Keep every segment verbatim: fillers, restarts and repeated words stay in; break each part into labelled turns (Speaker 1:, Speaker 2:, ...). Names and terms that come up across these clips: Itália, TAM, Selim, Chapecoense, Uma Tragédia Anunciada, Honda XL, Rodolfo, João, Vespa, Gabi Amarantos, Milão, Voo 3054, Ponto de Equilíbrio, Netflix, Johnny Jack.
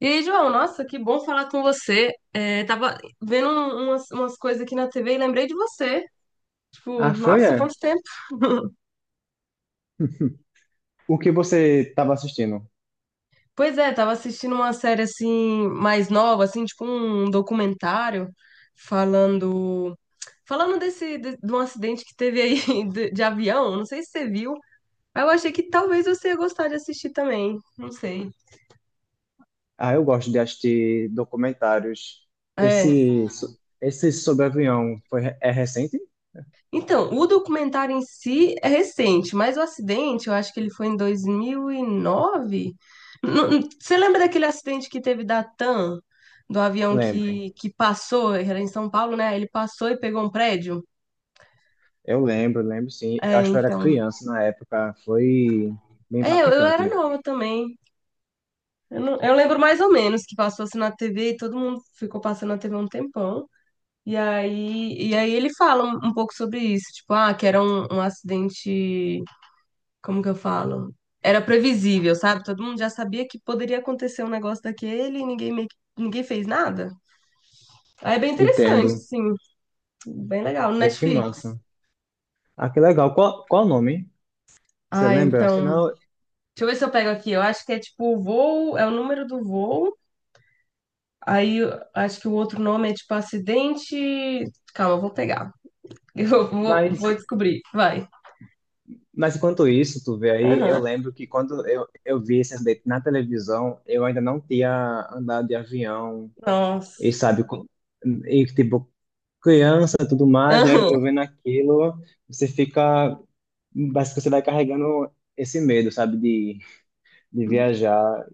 Speaker 1: E aí, João, nossa, que bom falar com você. É, tava vendo um- umas, umas coisas aqui na T V e lembrei de você. Tipo,
Speaker 2: Ah, foi,
Speaker 1: nossa, quanto
Speaker 2: é.
Speaker 1: tempo.
Speaker 2: O que você estava assistindo?
Speaker 1: Pois é, tava assistindo uma série assim, mais nova, assim, tipo um documentário falando. Falando desse, de, de um acidente que teve aí de, de avião, não sei se você viu. Mas eu achei que talvez você ia gostar de assistir também. Não sei.
Speaker 2: Ah, eu gosto de assistir documentários.
Speaker 1: É.
Speaker 2: Esse, so- esse sobre avião foi, re- é recente?
Speaker 1: Então, o documentário em si é recente, mas o acidente, eu acho que ele foi em dois mil e nove. Não- não- Você lembra daquele acidente que teve da TAM, do avião
Speaker 2: Lembro.
Speaker 1: que, que passou, era em São Paulo, né? Ele passou e pegou um prédio?
Speaker 2: Eu lembro, lembro sim. Eu
Speaker 1: É,
Speaker 2: acho que eu era
Speaker 1: então.
Speaker 2: criança na época. Foi bem
Speaker 1: É, eu, eu era
Speaker 2: impactante.
Speaker 1: nova também. Eu, não- eu lembro mais ou menos que passou assim na T V e todo mundo ficou passando na T V um tempão. E aí, e aí ele fala um, um pouco sobre isso, tipo, ah, que era um um acidente, como que eu falo? Era previsível, sabe? Todo mundo já sabia que poderia acontecer um negócio daquele e ninguém meio que- ninguém fez nada. Aí é bem interessante,
Speaker 2: Entendo.
Speaker 1: assim, bem legal, no
Speaker 2: Pô, que
Speaker 1: Netflix.
Speaker 2: massa. Ah, que legal. Qual, qual o nome? Você
Speaker 1: Ah,
Speaker 2: lembra?
Speaker 1: então, deixa
Speaker 2: Senão,
Speaker 1: eu ver se eu pego aqui. Eu acho que é tipo o voo, é o número do voo. Aí eu acho que o outro nome é tipo acidente. Calma, eu vou pegar. Eu vou, vou
Speaker 2: mas,
Speaker 1: descobrir. Vai.
Speaker 2: mas enquanto isso, tu vê aí, eu
Speaker 1: Aham.
Speaker 2: lembro que quando eu, eu vi esse acidente na televisão, eu ainda não tinha andado de avião. E
Speaker 1: Nossa.
Speaker 2: sabe, com- e tipo, criança, tudo mais, né?
Speaker 1: Aham.
Speaker 2: Eu vendo aquilo, você fica, parece que você vai carregando esse medo, sabe, de, de viajar,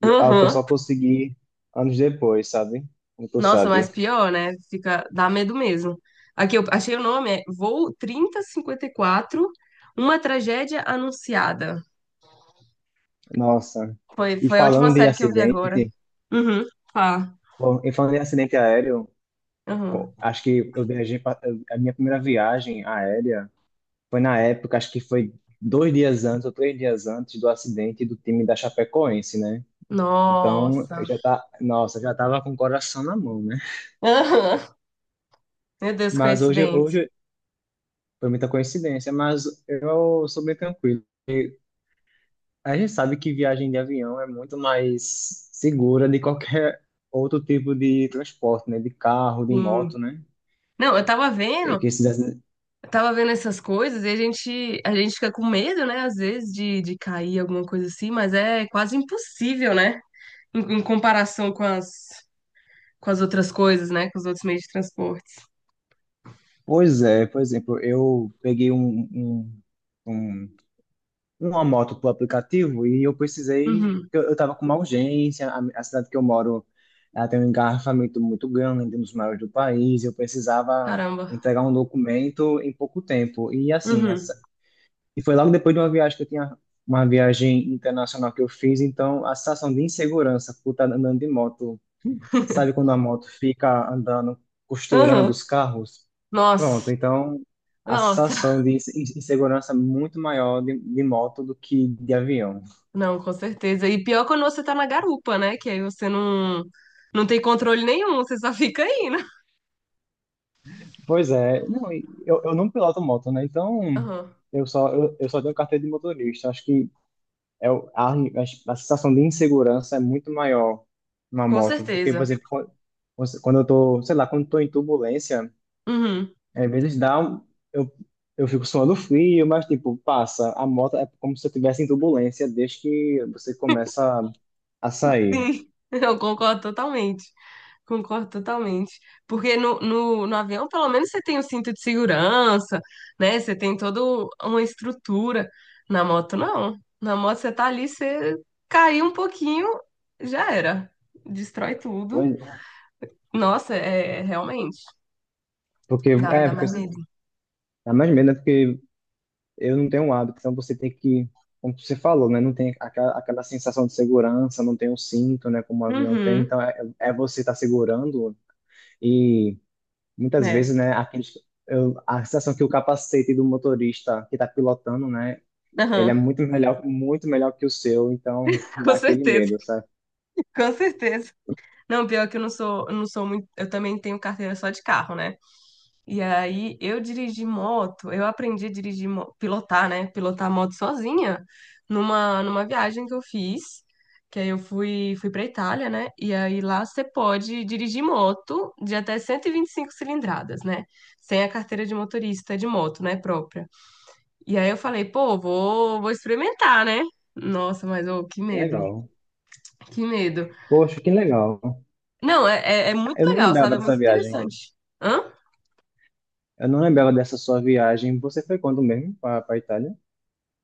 Speaker 2: e é algo que eu
Speaker 1: Aham.
Speaker 2: só consegui anos depois, sabe? Como tu
Speaker 1: Nossa,
Speaker 2: sabe.
Speaker 1: mas pior, né? Fica, dá medo mesmo. Aqui eu achei o nome, é Voo trinta cinquenta e quatro, Uma Tragédia Anunciada.
Speaker 2: Nossa.
Speaker 1: Foi,
Speaker 2: E
Speaker 1: foi a última
Speaker 2: falando de
Speaker 1: série que eu vi agora.
Speaker 2: acidente,
Speaker 1: Uhum, fala.
Speaker 2: bom, e falando de acidente aéreo, co-
Speaker 1: Uhum.
Speaker 2: acho que eu viajei, pra- eu- a minha primeira viagem aérea foi na época, acho que foi dois dias antes ou três dias antes do acidente do time da Chapecoense, né? Então, eu
Speaker 1: Nossa.
Speaker 2: já tá, nossa, eu já tava com o coração na mão, né?
Speaker 1: Aham. Meu Deus,
Speaker 2: Mas hoje,
Speaker 1: coincidente.
Speaker 2: hoje foi muita coincidência, mas eu sou bem tranquilo. A gente sabe que viagem de avião é muito mais segura de qualquer outro tipo de transporte, né? De carro, de
Speaker 1: Sim.
Speaker 2: moto, né?
Speaker 1: Não, eu tava
Speaker 2: E
Speaker 1: vendo,
Speaker 2: que se
Speaker 1: eu tava vendo essas coisas e a gente, a gente fica com medo, né? Às vezes de, de cair alguma coisa assim, mas é quase impossível, né? Em, em comparação com as, com as outras coisas, né? Com os outros meios de transporte.
Speaker 2: Pois é, por exemplo, eu peguei um, um, um uma moto por aplicativo e eu precisei,
Speaker 1: Uhum.
Speaker 2: eu, eu tava com uma urgência, a, a cidade que eu moro, ela tem um engarrafamento muito grande, um dos maiores do país, eu precisava
Speaker 1: Caramba.
Speaker 2: entregar um documento em pouco tempo. E assim,
Speaker 1: Uhum.
Speaker 2: essa, e foi logo depois de uma viagem que eu tinha, uma viagem internacional que eu fiz, então a sensação de insegurança por estar andando de moto, sabe quando a moto fica andando, costurando
Speaker 1: Uhum.
Speaker 2: os carros? Pronto,
Speaker 1: Nossa.
Speaker 2: então a
Speaker 1: Nossa.
Speaker 2: sensação de inse- insegurança é muito maior de, de moto do que de avião.
Speaker 1: Não, com certeza. E pior quando você tá na garupa, né? Que aí você não, não tem controle nenhum, você só fica indo.
Speaker 2: Pois é, não, e eu, eu não piloto moto, né? Então
Speaker 1: Uhum.
Speaker 2: eu só, eu, eu só tenho carteira de motorista. Acho que é, o- a, a, a sensação de insegurança é muito maior na
Speaker 1: Com
Speaker 2: moto. Porque, por
Speaker 1: certeza.
Speaker 2: exemplo, quando, quando eu tô, sei lá, quando eu tô em turbulência,
Speaker 1: Uhum.
Speaker 2: às vezes dá um, eu, eu fico suando frio, mas tipo, passa. A moto é como se eu estivesse em turbulência desde que você começa a
Speaker 1: Sim,
Speaker 2: sair.
Speaker 1: eu concordo totalmente. Concordo totalmente. Porque no, no, no avião, pelo menos, você tem o cinto de segurança, né? Você tem toda uma estrutura. Na moto, não. Na moto, você tá ali, você caiu um pouquinho, já era. Destrói tudo. Nossa, é realmente.
Speaker 2: Porque,
Speaker 1: Dá,
Speaker 2: é,
Speaker 1: dá
Speaker 2: porque
Speaker 1: mais
Speaker 2: assim,
Speaker 1: medo.
Speaker 2: dá mais medo, né? Porque eu não tenho um hábito, então você tem que, como você falou, né? Não tem aquela, aquela sensação de segurança, não tem o cinto, né? Como o avião tem,
Speaker 1: Uhum,
Speaker 2: então é, é você estar segurando e muitas
Speaker 1: né?
Speaker 2: vezes, né? Aqueles, eu, a sensação que o capacete do motorista que está pilotando, né? Ele
Speaker 1: Aham,
Speaker 2: é muito melhor, muito melhor que o seu, então
Speaker 1: com
Speaker 2: dá aquele
Speaker 1: certeza,
Speaker 2: medo, sabe?
Speaker 1: com certeza. Não, pior que eu não sou, eu não sou muito. Eu também tenho carteira só de carro, né? E aí eu dirigi moto, eu aprendi a dirigir, mo- pilotar, né? Pilotar moto sozinha numa, numa viagem que eu fiz, que aí eu fui, fui pra Itália, né? E aí lá você pode dirigir moto de até cento e vinte e cinco cilindradas, né? Sem a carteira de motorista de moto, né? Própria. E aí eu falei, pô, vou, vou experimentar, né? Nossa, mas ô, que medo,
Speaker 2: Legal.
Speaker 1: que medo.
Speaker 2: Poxa, que legal.
Speaker 1: Não, é, é, é muito
Speaker 2: Eu não
Speaker 1: legal,
Speaker 2: lembrava
Speaker 1: sabe? É
Speaker 2: dessa
Speaker 1: muito
Speaker 2: viagem.
Speaker 1: interessante. Hã?
Speaker 2: Eu não lembrava dessa sua viagem. Você foi quando mesmo para a Itália?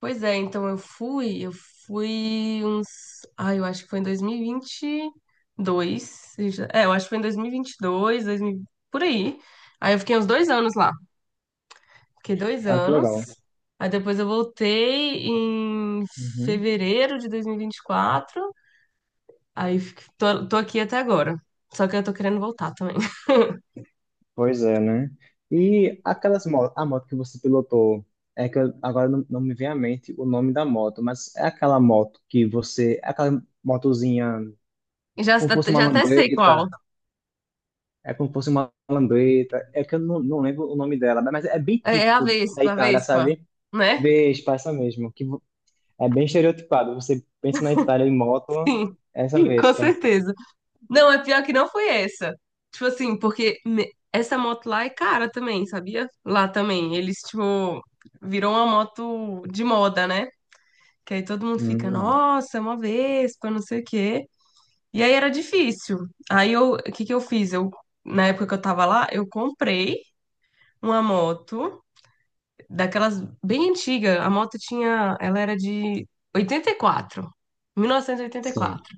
Speaker 1: Pois é, então eu fui, eu fui uns. Ai, eu acho que foi em dois mil e vinte e dois. seja- É, eu acho que foi em dois mil e vinte e dois, dois mil, por aí. Aí eu fiquei uns dois anos lá. Fiquei dois
Speaker 2: Ah, que
Speaker 1: anos.
Speaker 2: legal.
Speaker 1: Aí depois eu voltei em
Speaker 2: Uhum.
Speaker 1: fevereiro de dois mil e vinte e quatro. Aí fico- tô, tô aqui até agora. Só que eu tô querendo voltar também.
Speaker 2: Pois é, né? E aquelas motos, a moto que você pilotou, é que eu, agora não, não me vem à mente o nome da moto, mas é aquela moto que você, é aquela motozinha,
Speaker 1: Já,
Speaker 2: como se fosse uma
Speaker 1: já até sei qual.
Speaker 2: lambreta, é como se fosse uma lambreta, é que eu não, não lembro o nome dela, mas é bem
Speaker 1: É é a
Speaker 2: típico da
Speaker 1: Vespa, a
Speaker 2: Itália,
Speaker 1: Vespa,
Speaker 2: sabe?
Speaker 1: né?
Speaker 2: Vespa, essa mesmo, que vo- é bem estereotipado. Você pensa na Itália em moto,
Speaker 1: Sim,
Speaker 2: essa
Speaker 1: com
Speaker 2: Vespa.
Speaker 1: certeza. Não, é pior que não foi essa. Tipo assim, porque me- essa moto lá é cara também, sabia? Lá também. Eles, tipo, virou uma moto de moda, né? Que aí todo mundo fica,
Speaker 2: Hum,
Speaker 1: nossa, é uma Vespa, não sei o quê. E aí era difícil. Aí eu, o que que eu fiz? Eu, na época que eu tava lá, eu comprei uma moto daquelas bem antiga. A moto tinha, ela era de oitenta oitenta e e quatro mil novecentos e oitenta e
Speaker 2: sim.
Speaker 1: quatro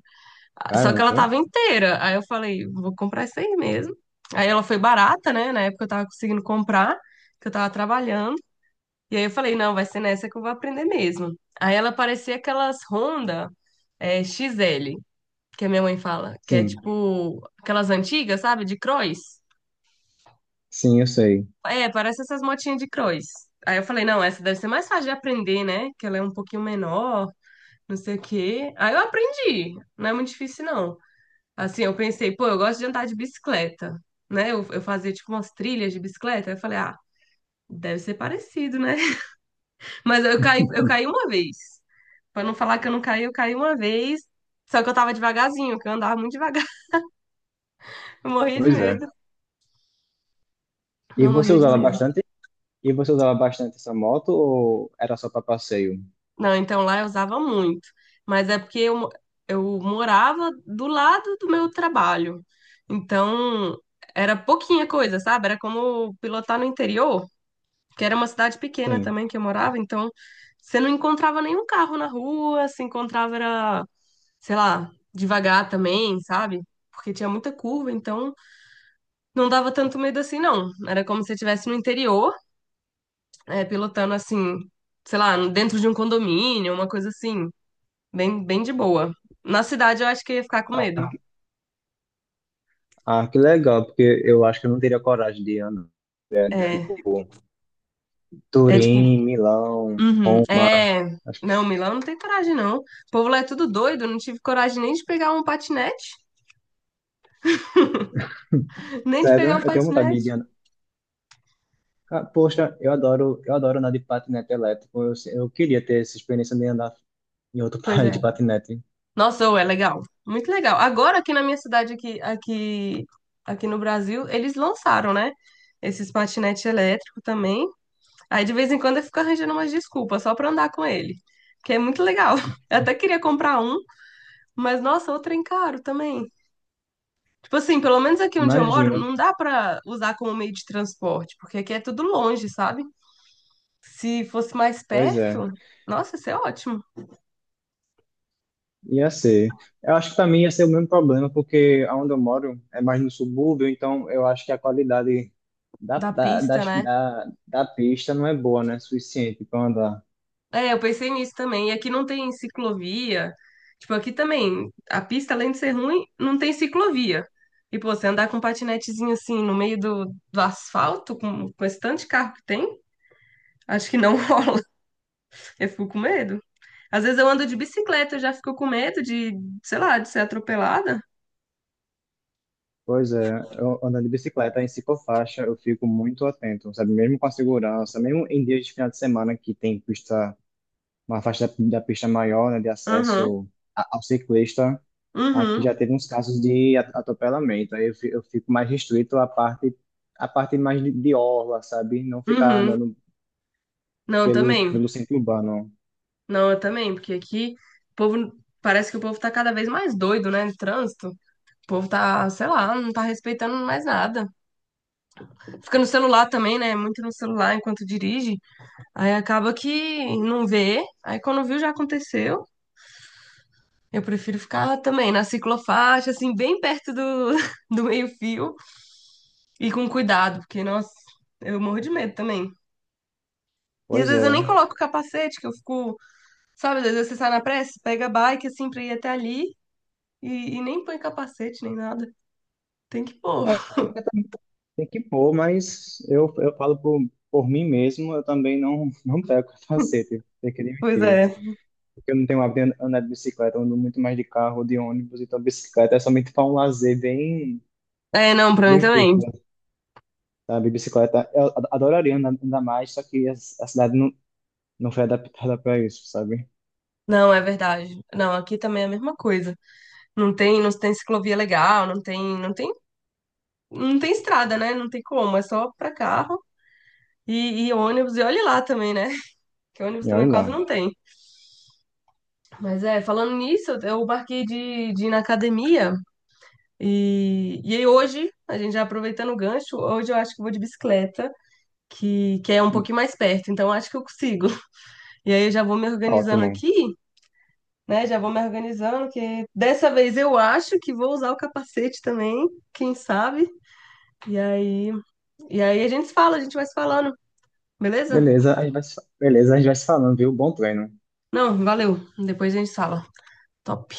Speaker 1: Só que ela
Speaker 2: Caramba.
Speaker 1: tava inteira. Aí eu falei, vou comprar isso aí mesmo. Aí ela foi barata, né? Na época eu tava conseguindo comprar, que eu tava trabalhando. E aí eu falei, não, vai ser nessa que eu vou aprender mesmo. Aí ela parecia aquelas Honda é, X L, que a minha mãe fala, que é
Speaker 2: Sim,
Speaker 1: tipo aquelas antigas, sabe? De cross.
Speaker 2: sim, eu sei.
Speaker 1: É, parece essas motinhas de cross. Aí eu falei, não, essa deve ser mais fácil de aprender, né? Que ela é um pouquinho menor, não sei o quê. Aí eu aprendi. Não é muito difícil, não. Assim, eu pensei, pô, eu gosto de andar de bicicleta, né? Eu, eu fazia tipo umas trilhas de bicicleta. Aí eu falei, ah, deve ser parecido, né? Mas eu caí, eu caí uma vez. Pra não falar que eu não caí, eu caí uma vez. Só que eu tava devagarzinho, que eu andava muito devagar. Eu morria de
Speaker 2: Pois é.
Speaker 1: medo.
Speaker 2: E
Speaker 1: Não,
Speaker 2: você
Speaker 1: morria de
Speaker 2: usa ela
Speaker 1: medo.
Speaker 2: bastante? E você usa ela bastante essa moto ou era só para passeio?
Speaker 1: Não, então lá eu usava muito. Mas é porque eu, mo- eu morava do lado do meu trabalho. Então, era pouquinha coisa, sabe? Era como pilotar no interior, que era uma cidade pequena
Speaker 2: Sim.
Speaker 1: também que eu morava, então você não encontrava nenhum carro na rua, se encontrava era, sei lá, devagar também, sabe? Porque tinha muita curva, então não dava tanto medo assim, não. Era como se você estivesse no interior, é, pilotando assim, sei lá, dentro de um condomínio, uma coisa assim, bem, bem de boa. Na cidade eu acho que eu ia ficar com medo.
Speaker 2: Ah, que legal, porque eu acho que eu não teria coragem de andar, né, de
Speaker 1: É,
Speaker 2: tipo
Speaker 1: é tipo,
Speaker 2: Turim, Milão,
Speaker 1: uhum,
Speaker 2: Roma.
Speaker 1: é.
Speaker 2: Acho que,
Speaker 1: Não, Milão não tem coragem, não. O povo lá é tudo doido, não tive coragem nem de pegar um patinete, nem de pegar
Speaker 2: sério,
Speaker 1: um
Speaker 2: eu tenho vontade de de
Speaker 1: patinete.
Speaker 2: andar. Ca- Poxa, eu adoro, eu adoro andar de patinete elétrico. Eu, eu, queria ter essa experiência de andar em outro
Speaker 1: Pois
Speaker 2: país
Speaker 1: é.
Speaker 2: de patinete.
Speaker 1: Nossa, ô, é legal. Muito legal. Agora aqui na minha cidade, aqui, aqui, aqui no Brasil, eles lançaram, né? Esses patinetes elétricos também. Aí de vez em quando eu fico arranjando umas desculpas só pra andar com ele. Que é muito legal. Eu até queria comprar um, mas nossa, o trem caro também. Tipo assim, pelo menos aqui onde eu moro,
Speaker 2: Imagina.
Speaker 1: não dá pra usar como meio de transporte, porque aqui é tudo longe, sabe? Se fosse mais
Speaker 2: Pois é.
Speaker 1: perto, nossa, isso é ótimo.
Speaker 2: Ia ser. Eu acho que para mim ia ser o mesmo problema, porque onde eu moro é mais no subúrbio, então eu acho que a qualidade da,
Speaker 1: Da
Speaker 2: da,
Speaker 1: pista,
Speaker 2: das-
Speaker 1: né?
Speaker 2: da, da pista não é boa, né? Suficiente para andar.
Speaker 1: É, eu pensei nisso também. E aqui não tem ciclovia. Tipo, aqui também, a pista, além de ser ruim, não tem ciclovia. E, pô, você andar com um patinetezinho assim no meio do, do asfalto, com, com esse tanto de carro que tem, acho que não rola. Eu fico com medo. Às vezes eu ando de bicicleta, eu já fico com medo de, sei lá, de ser atropelada.
Speaker 2: Pois é, eu ando de bicicleta em ciclofaixa, eu fico muito atento, sabe? Mesmo com a segurança, mesmo em dias de final de semana que tem pista, uma faixa da, da pista maior, né, de
Speaker 1: Aham,
Speaker 2: acesso a- ao ciclista. Aqui já
Speaker 1: uhum,
Speaker 2: teve uns casos de at- atropelamento, aí eu fi- eu fico mais restrito à parte, à parte mais de, de orla, sabe? Não ficar
Speaker 1: uhum.
Speaker 2: andando
Speaker 1: Não, eu
Speaker 2: pelo,
Speaker 1: também.
Speaker 2: pelo centro urbano.
Speaker 1: Não, eu também, porque aqui o povo. Parece que o povo tá cada vez mais doido, né? No trânsito. O povo tá, sei lá, não tá respeitando mais nada. Fica no celular também, né? Muito no celular enquanto dirige. Aí acaba que não vê. Aí quando viu já aconteceu. Eu prefiro ficar também na ciclofaixa, assim, bem perto do, do meio-fio e com cuidado, porque, nossa, eu morro de medo também. E às
Speaker 2: Pois
Speaker 1: vezes eu nem
Speaker 2: é.
Speaker 1: coloco o capacete, que eu fico, sabe, às vezes você sai na pressa, pega a bike assim pra ir até ali e, e nem põe capacete nem nada. Tem que pôr.
Speaker 2: É, tem que pôr, mas eu, eu, falo por, por mim mesmo, eu também não, não pego capacete, tem que
Speaker 1: Pois
Speaker 2: admitir.
Speaker 1: é.
Speaker 2: Porque eu não tenho hábito de andar de bicicleta, eu ando muito mais de carro, de ônibus, então bicicleta é somente para um lazer bem,
Speaker 1: É, não, pra mim
Speaker 2: bem
Speaker 1: também.
Speaker 2: curto, sabe? Bicicleta, eu ad- adoraria andar, andar mais, só que a, a cidade não, não foi adaptada para isso, sabe?
Speaker 1: Não, é verdade. Não, aqui também é a mesma coisa. Não tem, não tem ciclovia legal, não tem, não tem, não tem estrada, né? Não tem como, é só pra carro e, e ônibus. E olhe lá também, né? Que ônibus
Speaker 2: E
Speaker 1: também
Speaker 2: olha
Speaker 1: quase
Speaker 2: lá.
Speaker 1: não tem. Mas é, falando nisso, eu marquei de, de ir na academia e, e aí hoje, a gente já aproveitando o gancho, hoje eu acho que eu vou de bicicleta, que, que é um pouquinho mais perto, então acho que eu consigo. E aí eu já vou me organizando
Speaker 2: Ótimo.
Speaker 1: aqui. Né, já vou me organizando, que dessa vez eu acho que vou usar o capacete também, quem sabe? E aí, E aí a gente se fala, a gente vai se falando, beleza?
Speaker 2: Beleza, a gente vai, se- beleza, a gente vai se falando, viu? Bom treino.
Speaker 1: Não, valeu. Depois a gente se fala. Top.